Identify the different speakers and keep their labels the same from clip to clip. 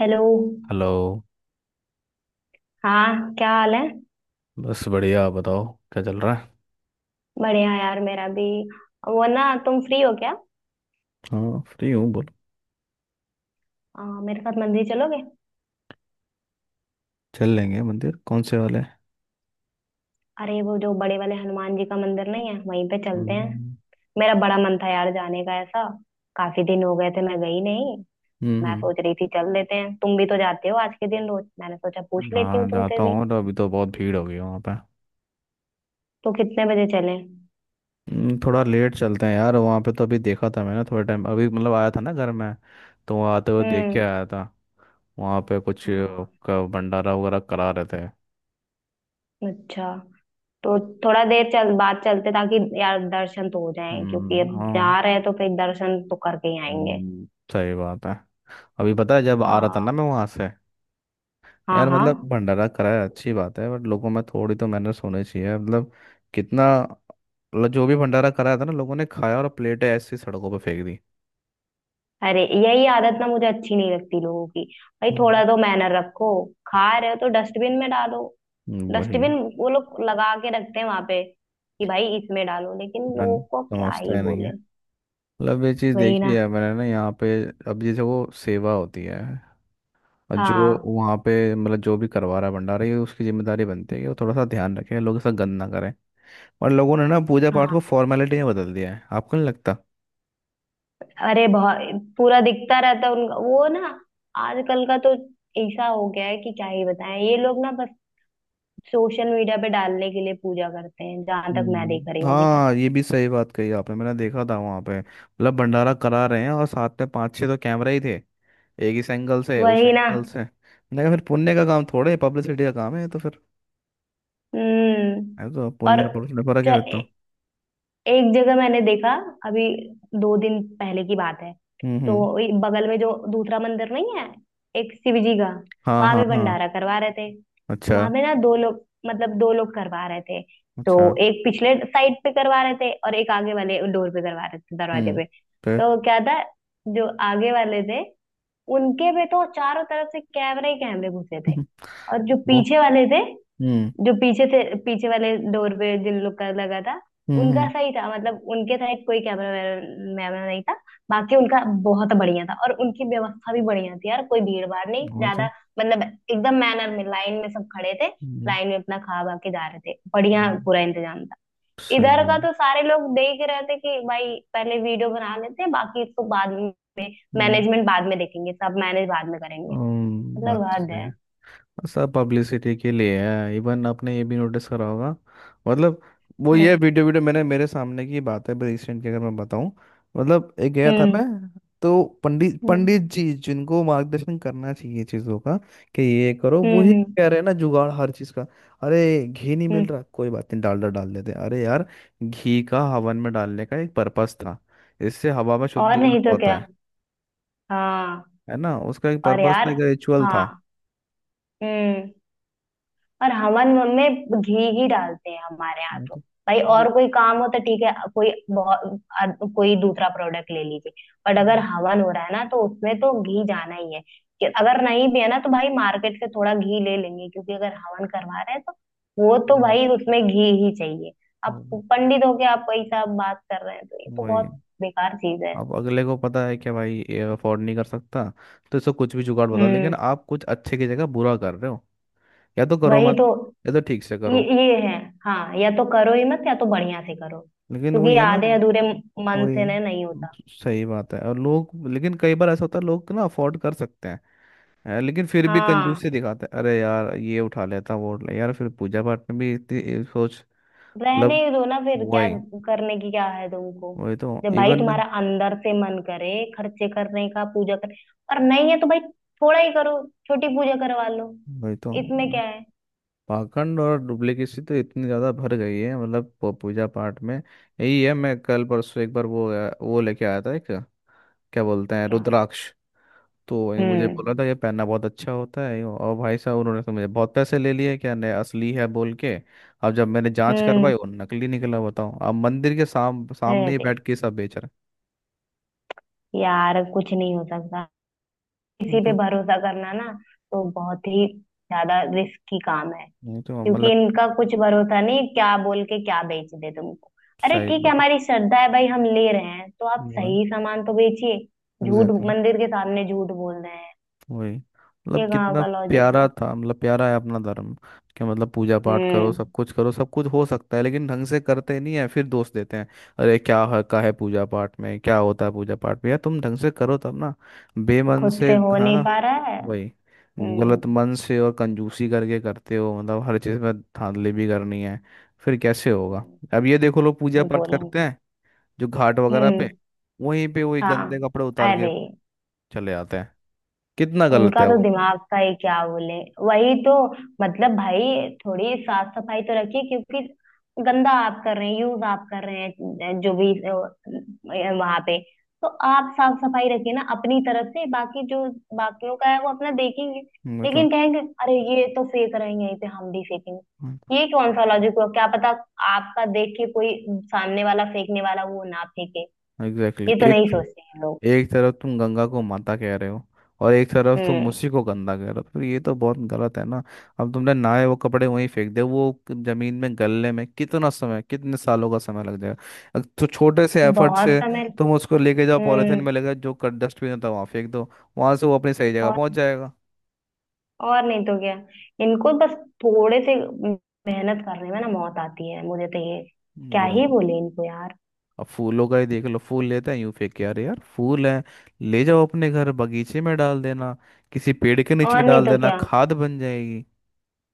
Speaker 1: Hello.
Speaker 2: Hello.
Speaker 1: हाँ, क्या हाल है?
Speaker 2: बस बढ़िया, आप बताओ, क्या चल रहा है?
Speaker 1: बढ़िया यार, मेरा भी। वो ना, तुम फ्री हो क्या?
Speaker 2: हाँ, फ्री हूँ, बोलो।
Speaker 1: मेरे साथ मंदिर चलोगे?
Speaker 2: चल लेंगे। मंदिर कौन से वाले हैं?
Speaker 1: अरे वो जो बड़े वाले हनुमान जी का मंदिर नहीं है, वहीं पे चलते हैं।
Speaker 2: हम्म।
Speaker 1: मेरा बड़ा मन था यार जाने का ऐसा। काफी दिन हो गए थे, मैं गई नहीं।
Speaker 2: हम्म,
Speaker 1: तो मैं
Speaker 2: हम्म।
Speaker 1: सोच रही थी चल लेते हैं, तुम भी तो जाते हो आज के दिन रोज, मैंने सोचा पूछ लेती हूँ
Speaker 2: हाँ,
Speaker 1: तुमसे
Speaker 2: जाता
Speaker 1: भी।
Speaker 2: हूँ तो अभी तो बहुत भीड़ हो गई है वहाँ पे।
Speaker 1: तो कितने बजे चलें?
Speaker 2: थोड़ा लेट चलते हैं यार, वहाँ पे तो अभी देखा था मैंने, थोड़ा टाइम अभी, मतलब आया था ना घर में। तो वहाँ आते हुए देख के
Speaker 1: हम्म।
Speaker 2: आया था। वहाँ पे कुछ
Speaker 1: हाँ,
Speaker 2: का भंडारा वगैरह करा रहे थे।
Speaker 1: अच्छा। तो थोड़ा देर चल बात चलते ताकि यार दर्शन तो हो जाएं, क्योंकि
Speaker 2: हम्म,
Speaker 1: अब
Speaker 2: हाँ,
Speaker 1: जा रहे हैं तो फिर दर्शन तो करके ही आएंगे।
Speaker 2: हम्म। सही बात है। अभी पता है जब आ रहा था
Speaker 1: हाँ,
Speaker 2: ना मैं वहाँ से।
Speaker 1: हाँ,
Speaker 2: यार,
Speaker 1: हाँ।
Speaker 2: मतलब भंडारा कराया अच्छी बात है, बट लोगों में थोड़ी तो मैनर्स होने चाहिए, मतलब। कितना? मतलब जो भी भंडारा कराया था ना, लोगों ने खाया और प्लेटें ऐसी सड़कों पर फेंक दी।
Speaker 1: अरे यही आदत ना मुझे अच्छी नहीं लगती लोगों की। भाई
Speaker 2: वही।
Speaker 1: थोड़ा तो मैनर रखो। खा रहे हो तो डस्टबिन में डालो।
Speaker 2: वही।
Speaker 1: डस्टबिन वो लोग लगा के रखते हैं वहां पे कि भाई इसमें डालो, लेकिन
Speaker 2: मैं
Speaker 1: लोगों को क्या
Speaker 2: समझता
Speaker 1: ही
Speaker 2: ही नहीं है।
Speaker 1: बोले।
Speaker 2: मतलब ये चीज़
Speaker 1: वही
Speaker 2: देखी
Speaker 1: ना।
Speaker 2: है मैंने ना यहाँ पे। अब जैसे वो सेवा होती है, और जो
Speaker 1: हाँ,
Speaker 2: वहाँ पे, मतलब जो भी करवा रहा है भंडारा, ये उसकी जिम्मेदारी बनती है कि वो थोड़ा सा ध्यान रखे, लोग ऐसा गंद ना करें। और लोगों ने ना पूजा पाठ को
Speaker 1: हाँ।
Speaker 2: फॉर्मेलिटी में बदल दिया है, आपको नहीं लगता?
Speaker 1: अरे बहुत। पूरा दिखता रहता है उनका वो ना। आजकल का तो ऐसा हो गया है कि क्या ही बताएं, ये लोग ना बस सोशल मीडिया पे डालने के लिए पूजा करते हैं, जहां तक मैं देख रही
Speaker 2: हम्म,
Speaker 1: हूँ अभी तक।
Speaker 2: हाँ, ये भी सही बात कही आपने। मैंने देखा था वहां पे, मतलब भंडारा करा रहे हैं और साथ में पांच छह तो कैमरा ही थे। एक इस एंगल से, उस
Speaker 1: वही ना।
Speaker 2: एंगल से, मैंने कहा फिर पुण्य का काम थोड़े पब्लिसिटी का काम है, तो फिर
Speaker 1: हम्म।
Speaker 2: है तो
Speaker 1: और
Speaker 2: पुण्य। पुण्य फर्क है फिर तो।
Speaker 1: ज- एक जगह मैंने देखा, अभी दो दिन पहले की बात है।
Speaker 2: हम्म, हम्म।
Speaker 1: तो ये बगल में जो दूसरा मंदिर नहीं है, एक शिव जी का,
Speaker 2: हाँ,
Speaker 1: वहां
Speaker 2: हाँ,
Speaker 1: पे
Speaker 2: हाँ।
Speaker 1: भंडारा करवा रहे थे। तो
Speaker 2: अच्छा।
Speaker 1: वहां पे ना दो लोग, मतलब दो लोग करवा रहे थे। तो
Speaker 2: अच्छा।
Speaker 1: एक पिछले साइड पे करवा रहे थे और एक आगे वाले डोर पे करवा रहे थे, दरवाजे
Speaker 2: हम्म।
Speaker 1: पे।
Speaker 2: फिर?
Speaker 1: तो क्या था, जो आगे वाले थे, उनके पे तो चारों तरफ से कैमरे ही कैमरे घुसे थे। और जो
Speaker 2: वो।
Speaker 1: पीछे वाले थे,
Speaker 2: हम्म,
Speaker 1: जो पीछे से, पीछे वाले डोर पे जिन लोग का लगा था,
Speaker 2: हम्म, हम्म।
Speaker 1: उनका सही था। मतलब उनके साइड कोई कैमरा वैमरा नहीं था। बाकी उनका बहुत बढ़िया था और उनकी व्यवस्था भी बढ़िया थी यार, कोई भीड़ भाड़ नहीं
Speaker 2: वो
Speaker 1: ज्यादा।
Speaker 2: तो।
Speaker 1: मतलब एकदम मैनर में, लाइन में सब खड़े थे।
Speaker 2: हम्म।
Speaker 1: लाइन में अपना खा खा के जा रहे थे, बढ़िया
Speaker 2: हम्म,
Speaker 1: पूरा इंतजाम था। इधर
Speaker 2: सही है।
Speaker 1: का तो सारे लोग देख रहे थे कि भाई पहले वीडियो बना लेते हैं, बाकी इसको बाद में।
Speaker 2: हम्म।
Speaker 1: मैनेजमेंट बाद में देखेंगे, सब मैनेज बाद में करेंगे। मतलब
Speaker 2: बात तो
Speaker 1: हद
Speaker 2: सही
Speaker 1: है।
Speaker 2: है। सब पब्लिसिटी के लिए है। इवन आपने ये भी नोटिस करा होगा, मतलब वो, ये
Speaker 1: हम्म।
Speaker 2: वीडियो वीडियो मैंने मेरे सामने की बात है, रिसेंट की अगर मैं बताऊं। मतलब एक गया था मैं,
Speaker 1: हम्म।
Speaker 2: तो पंडित पंडित
Speaker 1: हम्म।
Speaker 2: जी जिनको मार्गदर्शन करना चाहिए चीज़ों का कि ये करो, वो
Speaker 1: हम्म।
Speaker 2: ही
Speaker 1: हम्म।
Speaker 2: कह रहे हैं ना जुगाड़ हर चीज़ का। अरे घी नहीं मिल
Speaker 1: हम्म,
Speaker 2: रहा, कोई बात नहीं, डालडा डाल देते। अरे यार, घी का हवन में डालने का एक पर्पस था, इससे हवा में
Speaker 1: और
Speaker 2: शुद्धिकरण
Speaker 1: नहीं तो क्या।
Speaker 2: होता है।
Speaker 1: हाँ।
Speaker 2: है ना, उसका एक
Speaker 1: और
Speaker 2: पर्पस था,
Speaker 1: यार,
Speaker 2: एक रिचुअल था।
Speaker 1: हाँ। हम्म। और हमन में घी ही डालते हैं हमारे यहाँ तो। भाई और कोई काम हो तो ठीक है, कोई बहुत कोई दूसरा प्रोडक्ट ले लीजिए। बट अगर हवन हो रहा है ना तो उसमें तो घी जाना ही है। कि अगर नहीं भी है ना तो भाई मार्केट से थोड़ा घी ले लेंगे, क्योंकि अगर हवन करवा रहे हैं तो वो तो
Speaker 2: हम्म।
Speaker 1: भाई उसमें घी ही चाहिए। अब
Speaker 2: वो-
Speaker 1: पंडित होके आप वही सब बात कर रहे हैं तो ये तो
Speaker 2: वही।
Speaker 1: बहुत बेकार चीज है।
Speaker 2: अब अगले को पता है कि भाई ये अफोर्ड नहीं कर सकता, तो इसको कुछ भी जुगाड़ बताओ, लेकिन
Speaker 1: हम्म।
Speaker 2: आप कुछ अच्छे की जगह बुरा कर रहे हो। या तो करो
Speaker 1: वही तो।
Speaker 2: मत, या तो ठीक से
Speaker 1: ये
Speaker 2: करो।
Speaker 1: ये है। हाँ, या तो करो ही मत या तो बढ़िया से करो।
Speaker 2: लेकिन
Speaker 1: क्योंकि
Speaker 2: वही है ना।
Speaker 1: आधे अधूरे मन
Speaker 2: वही
Speaker 1: से
Speaker 2: है।
Speaker 1: ना नहीं होता।
Speaker 2: सही बात है। और लोग, लेकिन कई बार ऐसा होता है, लोग ना अफोर्ड कर सकते हैं, है, लेकिन फिर भी
Speaker 1: हाँ,
Speaker 2: कंजूसी दिखाते हैं। अरे यार, ये उठा लेता, वो उठा ले यार, फिर पूजा पाठ में भी इतनी ये सोच,
Speaker 1: रहने
Speaker 2: मतलब।
Speaker 1: ही दो ना फिर, क्या
Speaker 2: वही।
Speaker 1: करने की क्या है तुमको।
Speaker 2: वही तो
Speaker 1: जब भाई
Speaker 2: इवन।
Speaker 1: तुम्हारा अंदर से मन करे खर्चे करने का, पूजा कर। और नहीं है तो भाई थोड़ा ही करो, छोटी पूजा करवा लो।
Speaker 2: वही तो
Speaker 1: इसमें क्या है।
Speaker 2: पाखंड और डुप्लीकेसी तो इतनी ज़्यादा भर गई है, मतलब पूजा पाठ में यही है। मैं कल परसों एक बार वो लेके आया था एक, क्या बोलते हैं,
Speaker 1: क्या।
Speaker 2: रुद्राक्ष। तो ये मुझे
Speaker 1: हम्म।
Speaker 2: बोला था ये पहनना बहुत अच्छा होता है, और भाई साहब उन्होंने तो मुझे बहुत पैसे ले लिए, क्या नहीं असली है बोल के। अब जब मैंने जांच
Speaker 1: हम्म।
Speaker 2: करवाई, वो नकली निकला। बताओ, अब मंदिर के सामने ही
Speaker 1: रहते,
Speaker 2: बैठ के सब बेच रहे हैं।
Speaker 1: यार कुछ नहीं हो सकता। किसी
Speaker 2: नहीं
Speaker 1: पे
Speaker 2: तो।
Speaker 1: भरोसा करना ना तो बहुत ही ज्यादा रिस्की काम है।
Speaker 2: नहीं तो,
Speaker 1: क्योंकि
Speaker 2: मतलब।
Speaker 1: इनका कुछ भरोसा नहीं, क्या बोल के क्या बेच दे तुमको। अरे
Speaker 2: सही
Speaker 1: ठीक है,
Speaker 2: बात है।
Speaker 1: हमारी श्रद्धा है भाई, हम ले रहे हैं तो आप
Speaker 2: वो है।
Speaker 1: सही सामान तो बेचिए। झूठ,
Speaker 2: एग्जैक्टली।
Speaker 1: मंदिर के सामने झूठ बोल रहे हैं।
Speaker 2: वही। मतलब
Speaker 1: ये कहाँ
Speaker 2: कितना
Speaker 1: का लॉजिक
Speaker 2: प्यारा
Speaker 1: हुआ।
Speaker 2: था, मतलब प्यारा है अपना धर्म, कि मतलब पूजा पाठ करो,
Speaker 1: हम्म।
Speaker 2: सब कुछ करो, सब कुछ हो सकता है, लेकिन ढंग से करते नहीं है फिर दोष देते हैं। अरे क्या हका है पूजा पाठ में? क्या होता है पूजा पाठ में? यार तुम ढंग से करो तब ना। बेमन
Speaker 1: खुद
Speaker 2: से।
Speaker 1: से हो
Speaker 2: हाँ
Speaker 1: नहीं
Speaker 2: ना।
Speaker 1: पा रहा है।
Speaker 2: वही।
Speaker 1: हम्म।
Speaker 2: गलत मन से और कंजूसी करके करते हो, मतलब हर चीज़ में धांधली भी करनी है। फिर कैसे होगा?
Speaker 1: हम्म।
Speaker 2: अब ये देखो, लोग पूजा
Speaker 1: और
Speaker 2: पाठ
Speaker 1: बोलेंगे।
Speaker 2: करते हैं जो घाट वगैरह पे,
Speaker 1: हम्म।
Speaker 2: वहीं पे वही
Speaker 1: हाँ।
Speaker 2: गंदे कपड़े उतार
Speaker 1: अरे,
Speaker 2: के चले आते हैं। कितना गलत
Speaker 1: उनका
Speaker 2: है
Speaker 1: तो
Speaker 2: वो।
Speaker 1: दिमाग का ही क्या बोले। वही तो। मतलब भाई थोड़ी साफ सफाई तो रखिए, क्योंकि गंदा आप कर रहे हैं, यूज आप कर रहे हैं जो भी वहां पे, तो आप साफ सफाई रखिए ना अपनी तरफ से, बाकी जो बाकियों का है वो अपना देखेंगे।
Speaker 2: मैं तो
Speaker 1: लेकिन कहेंगे अरे ये तो फेंक रहे हैं यहीं पे, हम भी फेंकेंगे। ये कौन सा लॉजिक हुआ, क्या पता आपका देख के कोई सामने वाला फेंकने वाला वो ना फेंके।
Speaker 2: एग्जैक्टली
Speaker 1: ये
Speaker 2: exactly।
Speaker 1: तो नहीं
Speaker 2: एक
Speaker 1: सोचते हैं लोग।
Speaker 2: एक तरफ तुम गंगा को माता कह रहे हो, और एक तरफ तुम
Speaker 1: हम्म।
Speaker 2: उसी को गंदा कह रहे हो, तो ये तो बहुत गलत है ना। अब तुमने नहाए वो कपड़े वहीं फेंक दे वो, जमीन में गलने में कितना समय, कितने सालों का समय लग जाएगा। तो छोटे से एफर्ट
Speaker 1: बहुत
Speaker 2: से
Speaker 1: समय।
Speaker 2: तुम उसको लेके जाओ,
Speaker 1: हम्म।
Speaker 2: पॉलीथिन में लेके जाओ, जो डस्टबिन होता है तो वहाँ फेंक दो। वहां से वो अपनी सही जगह पहुंच जाएगा।
Speaker 1: और नहीं तो क्या। इनको बस थोड़े से मेहनत करने में ना मौत आती है, मुझे तो ये क्या ही
Speaker 2: वही।
Speaker 1: बोले इनको यार।
Speaker 2: अब फूलों का ही देख लो, फूल लेते हैं यूं फेंक के। अरे यार, फूल है, ले जाओ अपने घर बगीचे में डाल देना, किसी पेड़ के नीचे
Speaker 1: और नहीं
Speaker 2: डाल
Speaker 1: तो
Speaker 2: देना,
Speaker 1: क्या।
Speaker 2: खाद बन जाएगी।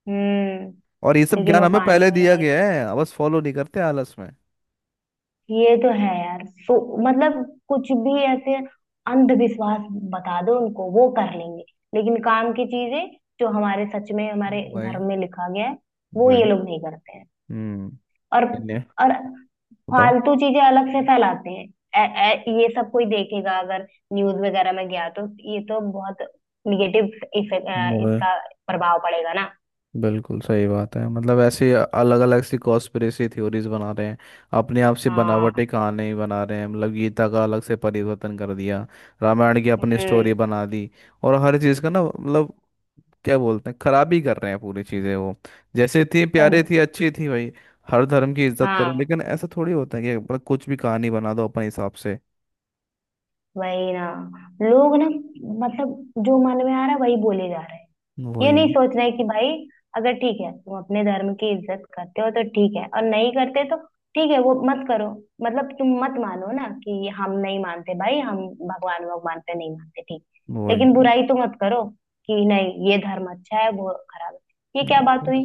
Speaker 1: हम्म।
Speaker 2: और ये सब
Speaker 1: लेकिन
Speaker 2: ज्ञान
Speaker 1: वो
Speaker 2: हमें
Speaker 1: पानी
Speaker 2: पहले
Speaker 1: में
Speaker 2: दिया
Speaker 1: वही,
Speaker 2: गया है, अब बस फॉलो नहीं करते आलस में।
Speaker 1: ये तो है यार। सो मतलब कुछ भी ऐसे अंधविश्वास बता दो उनको वो कर लेंगे, लेकिन काम की चीजें जो हमारे सच में हमारे
Speaker 2: वही।
Speaker 1: धर्म में लिखा गया है वो ये
Speaker 2: वही।
Speaker 1: लोग नहीं करते हैं।
Speaker 2: हम्म।
Speaker 1: और
Speaker 2: इन्हें
Speaker 1: और
Speaker 2: बताओ।
Speaker 1: फालतू चीजें अलग से फैलाते हैं। ए, ये सब कोई देखेगा अगर न्यूज वगैरह में गया तो, ये तो बहुत निगेटिव इफेक्ट
Speaker 2: वही।
Speaker 1: इसका प्रभाव पड़ेगा ना।
Speaker 2: बिल्कुल सही बात है। मतलब ऐसे अलग अलग सी कॉन्स्पिरेसी थ्योरीज बना रहे हैं, अपने आप से
Speaker 1: हाँ।
Speaker 2: बनावटी कहानी बना रहे हैं। मतलब गीता का अलग से परिवर्तन कर दिया, रामायण की अपनी
Speaker 1: हम्म।
Speaker 2: स्टोरी बना दी। और हर चीज़ का ना, मतलब क्या बोलते हैं, खराब ही कर रहे हैं पूरी चीजें वो। जैसे थी प्यारे
Speaker 1: सब।
Speaker 2: थी अच्छी थी भाई। हर धर्म की इज्जत करो,
Speaker 1: हाँ,
Speaker 2: लेकिन ऐसा थोड़ी होता है कि मतलब कुछ भी कहानी बना दो अपने हिसाब से।
Speaker 1: वही ना। लोग ना, मतलब जो मन में आ रहा है वही बोले जा रहे हैं। ये नहीं
Speaker 2: वही।
Speaker 1: सोचना है कि भाई अगर ठीक है तुम अपने धर्म की इज्जत करते हो तो ठीक है, और नहीं करते तो ठीक है वो मत करो। मतलब तुम मत मानो ना, कि हम नहीं मानते भाई हम भगवान भगवान पे नहीं मानते, ठीक।
Speaker 2: वही।
Speaker 1: लेकिन बुराई तो मत करो, कि नहीं ये धर्म अच्छा है वो खराब है, ये क्या
Speaker 2: हाँ,
Speaker 1: बात हुई।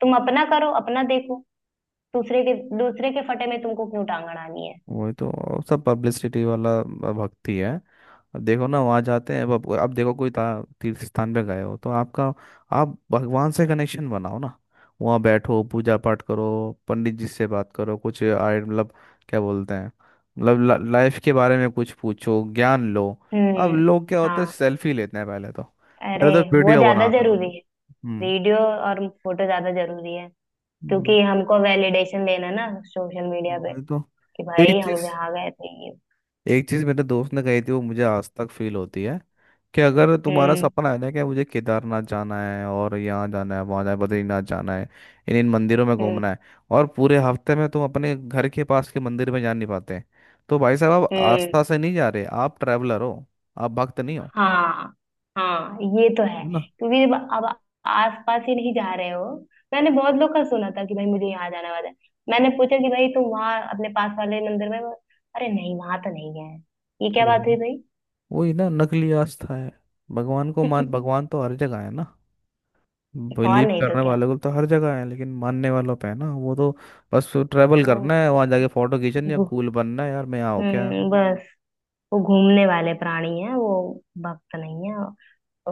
Speaker 1: तुम अपना करो अपना देखो। दूसरे के फटे में तुमको क्यों टांग अड़ानी है।
Speaker 2: वही तो। और सब पब्लिसिटी वाला भक्ति है। अब देखो ना, वहाँ जाते हैं। अब देखो कोई तीर्थ स्थान पे गए हो तो आपका, आप भगवान से कनेक्शन बनाओ ना, वहाँ बैठो, पूजा पाठ करो, पंडित जी से बात करो, कुछ आय मतलब, क्या बोलते हैं, मतलब लाइफ के बारे में कुछ पूछो, ज्ञान लो। अब
Speaker 1: हम्म।
Speaker 2: लोग क्या होते हैं,
Speaker 1: हाँ।
Speaker 2: सेल्फी लेते हैं। पहले तो
Speaker 1: अरे,
Speaker 2: पहले तो
Speaker 1: वो
Speaker 2: वीडियो
Speaker 1: ज्यादा
Speaker 2: बनाता था ना।
Speaker 1: जरूरी है।
Speaker 2: हम्म।
Speaker 1: वीडियो और फोटो ज्यादा जरूरी है।
Speaker 2: हम्म,
Speaker 1: क्योंकि हमको वैलिडेशन देना ना सोशल मीडिया पे,
Speaker 2: वही तो।
Speaker 1: कि भाई
Speaker 2: एक
Speaker 1: हम
Speaker 2: चीज
Speaker 1: यहाँ गए थे, ये।
Speaker 2: एक चीज मेरे दोस्त ने कही थी, वो मुझे आज तक फील होती है, कि अगर तुम्हारा
Speaker 1: हम्म।
Speaker 2: सपना है ना कि मुझे केदारनाथ जाना है, और यहाँ जाना है, वहाँ जाना है, बद्रीनाथ जाना है, इन इन मंदिरों में
Speaker 1: हम्म।
Speaker 2: घूमना है, और पूरे हफ्ते में तुम अपने घर के पास के मंदिर में जा नहीं पाते, तो भाई साहब आप
Speaker 1: हम्म।
Speaker 2: आस्था से नहीं जा रहे, आप ट्रैवलर हो, आप भक्त नहीं हो।
Speaker 1: हाँ। हाँ, ये तो है
Speaker 2: है ना।
Speaker 1: क्योंकि अब आसपास ही नहीं जा रहे हो। मैंने बहुत लोग का सुना था कि भाई मुझे यहाँ जाना वाला है। मैंने पूछा कि भाई तुम वहाँ अपने पास वाले मंदिर में, अरे नहीं वहां तो नहीं गए हैं। ये क्या बात हुई।
Speaker 2: वही। वही ना, नकली आस्था है। भगवान को
Speaker 1: भाई
Speaker 2: मान, भगवान तो हर जगह है ना।
Speaker 1: और
Speaker 2: बिलीव
Speaker 1: नहीं तो
Speaker 2: करने
Speaker 1: क्या।
Speaker 2: वाले को तो हर जगह है, लेकिन मानने वालों पे है ना वो तो। बस ट्रैवल
Speaker 1: वो
Speaker 2: करना है, वहां जाके फोटो खींचनी है,
Speaker 1: घू-
Speaker 2: कूल बनना है, यार मैं यहाँ हो क्या।
Speaker 1: बस। वो घूमने वाले प्राणी हैं, वो भक्त नहीं है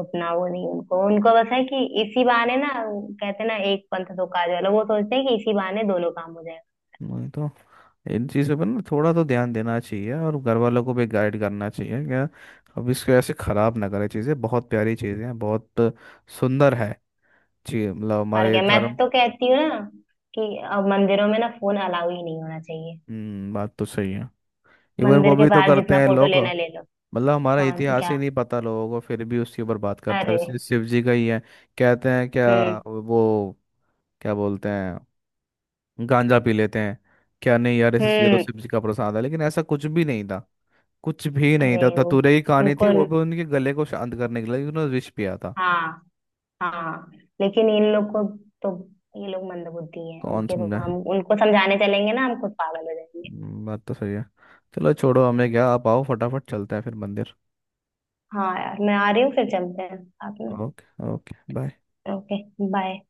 Speaker 1: उतना, वो नहीं। उनको उनको बस है कि इसी बहाने, ना कहते हैं ना एक पंथ दो काज वाला, वो सोचते हैं कि इसी बहाने दोनों काम हो जाएगा।
Speaker 2: वही तो। इन चीज़ों पर ना थोड़ा तो ध्यान देना चाहिए, और घर वालों को भी गाइड करना चाहिए क्या। अब इसको ऐसे खराब ना करें, चीज़ें बहुत प्यारी चीज़ें हैं, बहुत सुंदर है जी, मतलब
Speaker 1: और
Speaker 2: हमारे
Speaker 1: क्या, मैं
Speaker 2: धर्म।
Speaker 1: तो कहती हूँ ना कि अब मंदिरों में ना फोन अलाउ ही नहीं होना चाहिए।
Speaker 2: हम्म, बात तो सही है। इवन
Speaker 1: मंदिर
Speaker 2: वो
Speaker 1: के
Speaker 2: भी तो
Speaker 1: बाहर
Speaker 2: करते
Speaker 1: जितना
Speaker 2: हैं
Speaker 1: फोटो
Speaker 2: लोग।
Speaker 1: लेना ले लो।
Speaker 2: मतलब हमारा
Speaker 1: कौन
Speaker 2: इतिहास ही
Speaker 1: क्या।
Speaker 2: नहीं पता लोगों को, फिर भी उसके ऊपर बात करता है।
Speaker 1: अरे।
Speaker 2: जैसे शिव जी का ही है, कहते हैं
Speaker 1: हम्म।
Speaker 2: क्या वो, क्या बोलते हैं, गांजा पी लेते हैं, क्या नहीं। यार ऐसे ये तो
Speaker 1: हम्म।
Speaker 2: शिव जी का प्रसाद है, लेकिन ऐसा कुछ भी नहीं था। कुछ भी नहीं
Speaker 1: अरे
Speaker 2: था,
Speaker 1: वो,
Speaker 2: धतूरे की कहानी
Speaker 1: उनको,
Speaker 2: थी, वो भी उनके गले को शांत करने के लिए उन्होंने विष पिया था।
Speaker 1: हाँ, हाँ। लेकिन इन लोग को तो, ये लोग मंदबुद्धि हैं
Speaker 2: कौन
Speaker 1: उनके तो,
Speaker 2: समझा।
Speaker 1: हम उनको समझाने चलेंगे ना हम खुद पागल हो जाएंगे।
Speaker 2: बात तो सही है। चलो छोड़ो हमें क्या, आप आओ फटाफट, चलते हैं फिर मंदिर।
Speaker 1: हाँ यार मैं आ रही हूँ, फिर चलते हैं साथ में।
Speaker 2: Okay, okay, bye.
Speaker 1: Okay, bye.